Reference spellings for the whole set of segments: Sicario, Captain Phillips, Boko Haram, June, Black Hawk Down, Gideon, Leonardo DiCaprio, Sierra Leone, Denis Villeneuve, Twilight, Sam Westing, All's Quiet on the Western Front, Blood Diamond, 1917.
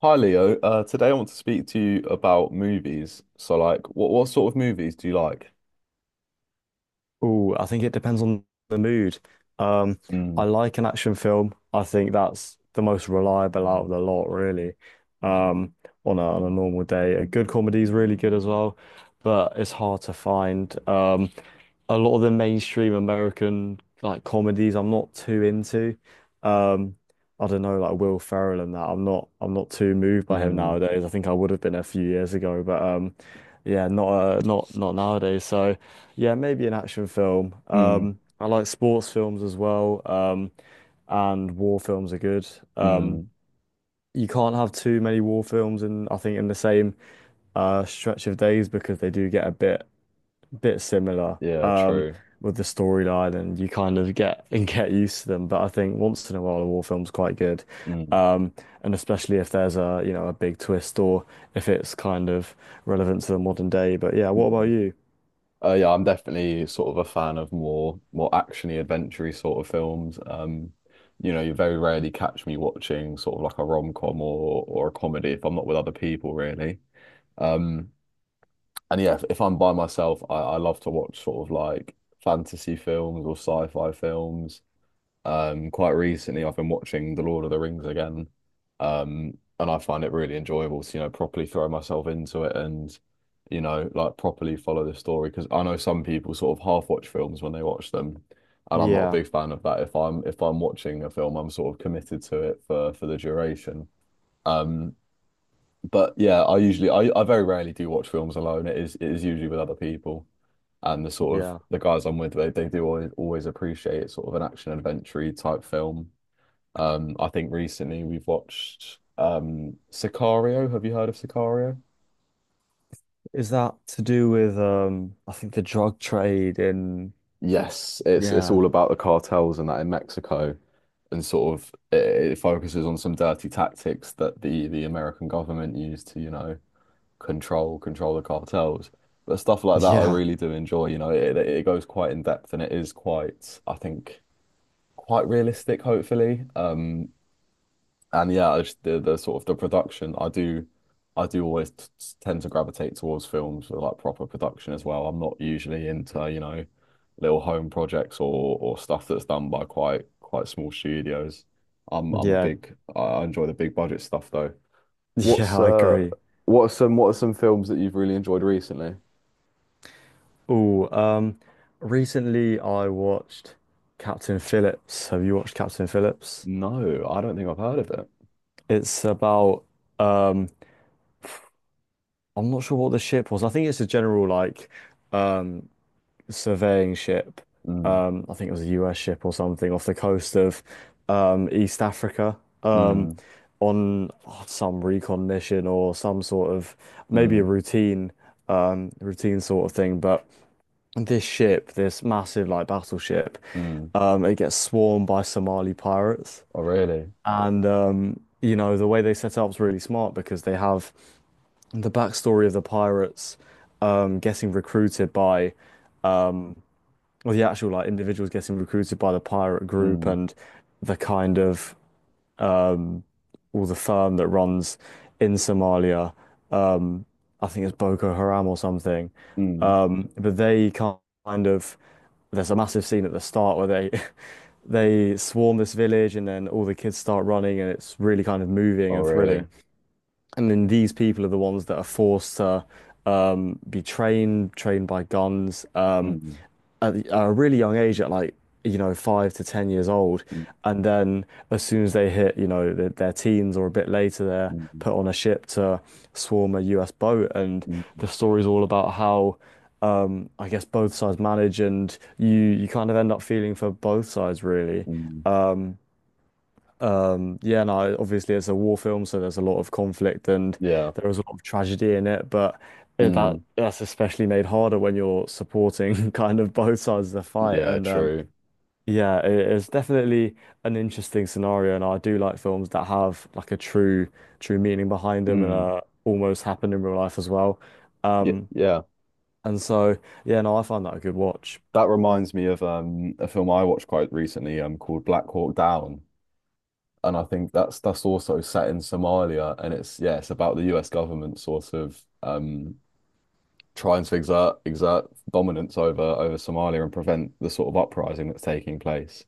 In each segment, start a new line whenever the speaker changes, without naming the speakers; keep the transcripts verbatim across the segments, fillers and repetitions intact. Hi Leo, uh, today I want to speak to you about movies. So, like, what what sort of movies do you like?
Oh, I think it depends on the mood. Um, I
Mm,
like an action film. I think that's the most reliable out of the lot, really. Um, on a on a normal day, a good comedy is really good as well, but it's hard to find. Um, a lot of the mainstream American like comedies I'm not too into. Um, I don't know, like Will Ferrell and that. I'm not I'm not too moved by him
mm,
nowadays. I think I would have been a few years ago, but um yeah, not uh, not not nowadays. So yeah, maybe an action film.
mm,
Um I like sports films as well. Um and war films are good. Um
mm.
you can't have too many war films in I think in the same uh stretch of days because they do get a bit bit similar
Yeah,
um,
true.
with the storyline, and you kind of get and get used to them. But I think once in a while, a war film's quite good,
Mm,
um, and especially if there's a you know a big twist or if it's kind of relevant to the modern day. But yeah, what about
mm.
you?
Uh, yeah, I'm definitely sort of a fan of more more actiony, adventure sort of films. Um, you know, you very rarely catch me watching sort of like a rom-com or or a comedy if I'm not with other people, really. Um, and yeah, if, if I'm by myself, I, I love to watch sort of like fantasy films or sci-fi films. Um, quite recently, I've been watching The Lord of the Rings again, um, and I find it really enjoyable to, you know, properly throw myself into it and, you know, like properly follow the story. Because I know some people sort of half watch films when they watch them, and I'm not a
Yeah,
big fan of that. If I'm if I'm watching a film, I'm sort of committed to it for for the duration. Um, but yeah, I usually I, I very rarely do watch films alone. It is it is usually with other people. And the sort of
yeah.
the guys I'm with, they, they do always, always appreciate sort of an action adventure type film. Um, I think recently we've watched um Sicario. Have you heard of Sicario?
Is that to do with um, I think the drug trade in.
Yes, it's it's
Yeah,
all about the cartels and that in Mexico, and sort of it, it focuses on some dirty tactics that the the American government used to, you know, control control the cartels. But stuff like that, I
yeah,
really do enjoy. You know, it it goes quite in depth and it is quite, I think, quite realistic, hopefully. Um, and yeah, I just, the the sort of the production, I do, I do always t t- tend to gravitate towards films with like proper production as well. I'm not usually into, you know, little home projects or or stuff that's done by quite quite small studios. I'm I'm a
yeah,
big, I I enjoy the big budget stuff though. What's
yeah. I
uh
agree.
what are some what are some films that you've really enjoyed recently?
Oh, um, recently I watched Captain Phillips. Have you watched Captain Phillips?
No, I don't think I've heard of it.
It's about. um I'm not sure what the ship was. I think it's a general like um surveying ship.
Mm,
Um I think it was a U S ship or something off the coast of um East Africa. Um
mm,
on oh, some recon mission or some sort of maybe a
mm,
routine um routine sort of thing. But this ship, this massive like battleship,
mm.
um it gets swarmed by Somali pirates.
Oh, really?
And um, you know, the way they set it up is really smart because they have the backstory of the pirates um getting recruited by or the actual like individuals getting recruited by the pirate group
Mm,
and the kind of um or the firm that runs in Somalia, um I think it's Boko Haram or something.
mm.
Um but they kind of there's a massive scene at the start where they they swarm this village and then all the kids start running and it's really kind of moving
Oh,
and thrilling.
really?
And then these people are the ones that are forced to um, be trained, trained by guns um,
Mm,
at, the- at a really young age, at like, you know, five to ten years old.
mm,
And then as soon as they hit, you know, their, their teens or a bit later, they're
mm,
put on a ship to swarm a U S boat. And
mm,
the story's all about how, um, I guess, both sides manage and you, you kind of end up feeling for both sides, really.
mm.
Yeah, no, obviously it's a war film, so there's a lot of conflict and
Yeah.
there is a lot of tragedy in it, but it-
Mm,
that that's especially made harder when you're supporting kind of both sides of the fight.
yeah,
And um,
true.
yeah, it, it's definitely an interesting scenario, and I do like films that have like a true true meaning behind them and
Mm.
uh, almost happen in real life as well.
Yeah,
Um,
yeah.
and so yeah, no, I find that a good watch.
That reminds me of um a film I watched quite recently um called Black Hawk Down. And I think that's that's also set in Somalia and it's yeah, it's about the U S government sort of um trying to exert exert dominance over over Somalia and prevent the sort of uprising that's taking place.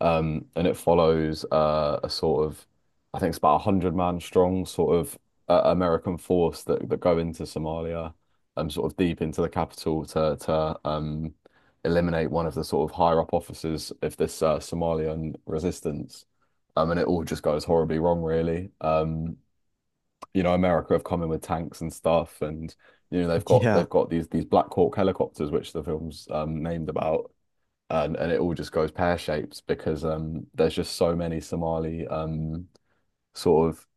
Um, and it follows uh, a sort of, I think it's about a hundred man strong sort of uh, American force that that go into Somalia, um, sort of deep into the capital to to um eliminate one of the sort of higher up officers of this uh, Somalian resistance. Um, and it all just goes horribly wrong, really. Um, you know, America have come in with tanks and stuff, and you know they've got
Yeah,
they've got these these Black Hawk helicopters, which the film's um, named about, and and it all just goes pear-shaped because um, there's just so many Somali um, sort of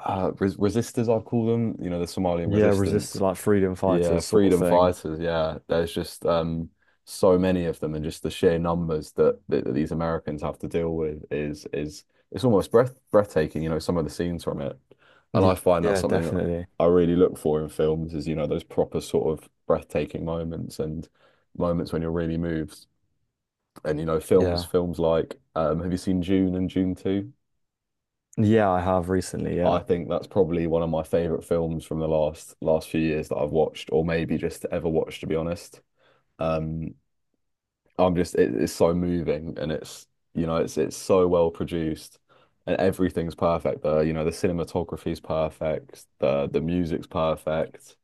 uh, res resistors, I'd call them. You know, the Somalian
yeah, resist
resistance
like freedom
yeah,
fighters sort of
freedom
thing.
fighters. Yeah, there's just um, so many of them, and just the sheer numbers that, that, that these Americans have to deal with is is it's almost breath breathtaking. You know, some of the scenes from it, and I
Y-
find that's
Yeah,
something
definitely.
I really look for in films is you know those proper sort of breathtaking moments and moments when you're really moved. And you know, films
Yeah.
films like um, have you seen June and June two?
Yeah, I have recently.
I
Yeah.
think that's probably one of my favorite films from the last last few years that I've watched, or maybe just ever watched, to be honest. Um, I'm just it, it's so moving and it's you know it's it's so well produced and everything's perfect. The you know the cinematography's perfect. The the music's perfect.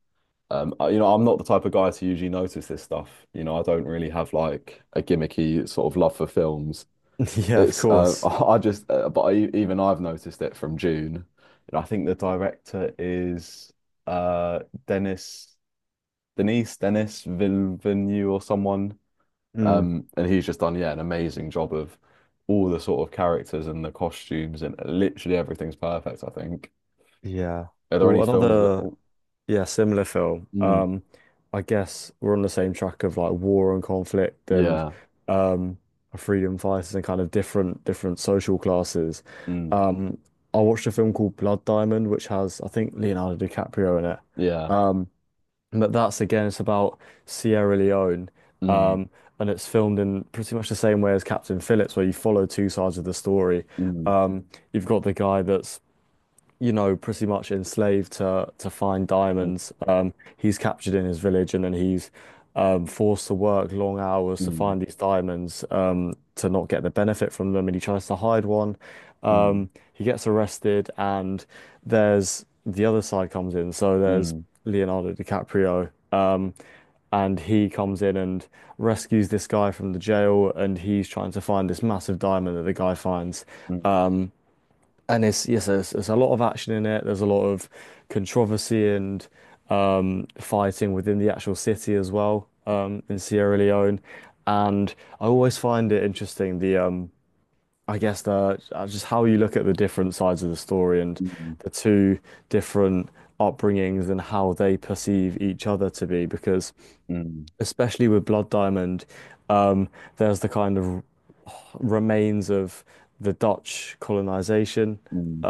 Um, I- you know I'm not the type of guy to usually notice this stuff. You know I don't really have like a gimmicky sort of love for films.
Yeah, of
It's uh,
course.
I just uh, but I, even I've noticed it from June. You know I think the director is uh Dennis Denise Dennis Villeneuve or someone.
Mm,
Um, and he's just done, yeah, an amazing job of all the sort of characters and the costumes and literally everything's perfect, I think.
yeah.
Are there any
Well,
films that
another,
oh,
yeah, similar film.
mm,
Um, I guess we're on the same track of like war and conflict and
yeah,
um freedom fighters and kind of different different social classes.
mm,
Um, I watched a film called Blood Diamond, which has I think Leonardo DiCaprio in it.
yeah,
But that's again, it's about Sierra Leone.
mm,
Um, and it's filmed in pretty much the same way as Captain Phillips, where you follow two sides of the story.
mm,
Um, you've got the guy that's you know, pretty much enslaved to to find
mm,
diamonds. Um, he's captured in his village, and then he's um, forced to work long hours to
mm,
find these diamonds um, to not get the benefit from them. And he tries to hide one. Um, he gets arrested, and there's the other side comes in. So there's
mm,
Leonardo DiCaprio. Um, and he comes in and rescues this guy from the jail, and he's trying to find this massive diamond that the guy finds.
mm,
Um, and it's yes, there's, there's a lot of action in it. There's a lot of controversy and um, fighting within the actual city as well um, in Sierra Leone. And I always find it interesting the um, I guess the uh, just how you look at the different sides of the story and
mm,
the two different upbringings and how they perceive each other to be. Because
mm,
especially with Blood Diamond, um, there's the kind of remains of the Dutch colonization
mm, mm,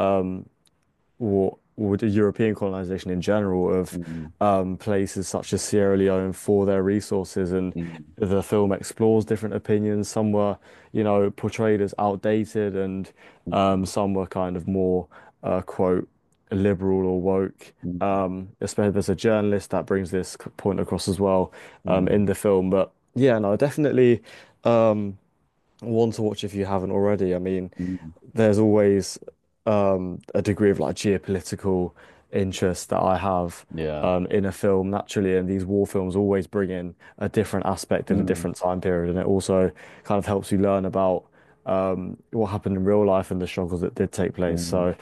or or the European colonization in general of
mm,
um, places such as Sierra Leone for their resources. And
mm,
the film explores different opinions. Some were, you know, portrayed as outdated, and um, some were kind of more, uh, quote, liberal or woke.
mm, mm,
Um, especially there's a journalist that brings this c- point across as well um,
mm,
in the film. But yeah, no, definitely. Um, one to watch if you haven't already. I mean,
mm,
there's always um, a degree of like geopolitical interest that I have
yeah.
um, in a film naturally, and these war films always bring in a different aspect of a
Mm,
different time period, and it also kind of helps you learn about um, what happened in real life and the struggles that did take place.
mm,
So,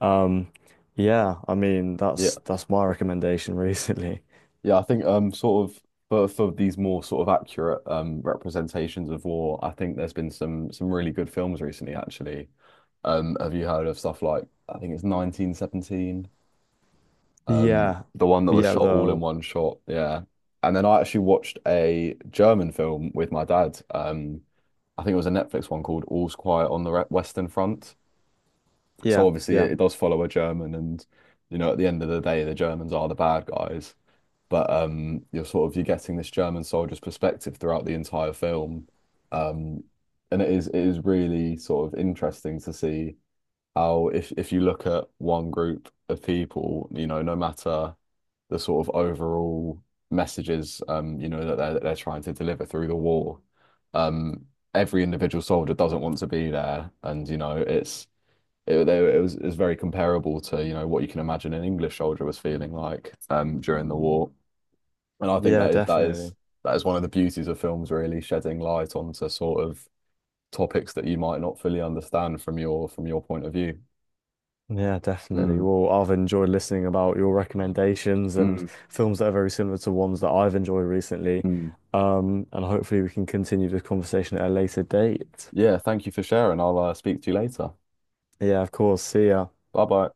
um, yeah, I mean,
yeah.
that's that's my recommendation recently.
Yeah, I think um sort of for for these more sort of accurate um representations of war, I think there's been some some really good films recently actually. Um have you heard of stuff like I think it's nineteen seventeen, um
Yeah,
the one that was
yeah,
shot all in
though,
one shot, yeah. And then I actually watched a German film with my dad. Um I think it was a Netflix one called All's Quiet on the Re- Western Front. So
yeah,
obviously
yeah,
it, it does follow a German and you know at the end of the day the Germans are the bad guys. But um, you're sort of you're getting this German soldier's perspective throughout the entire film. Um, and it is it is really sort of interesting to see how if if you look at one group of people, you know, no matter the sort of overall messages, um, you know, that they're, that they're trying to deliver through the war, um, every individual soldier doesn't want to be there, and you know, it's it, it was it was very comparable to, you know, what you can imagine an English soldier was feeling like um during the war. And I think
yeah,
that is, that is
definitely.
that is one of the beauties of films, really shedding light onto sort of topics that you might not fully understand from your from your point of view.
Yeah, definitely.
Mm,
Well, I've enjoyed listening about your recommendations and
mm,
films that are very similar to ones that I've enjoyed recently.
mm.
Um, and hopefully we can continue this conversation at a later date.
Yeah, thank you for sharing. I'll uh, speak to you later.
Yeah, of course. See ya.
Bye bye.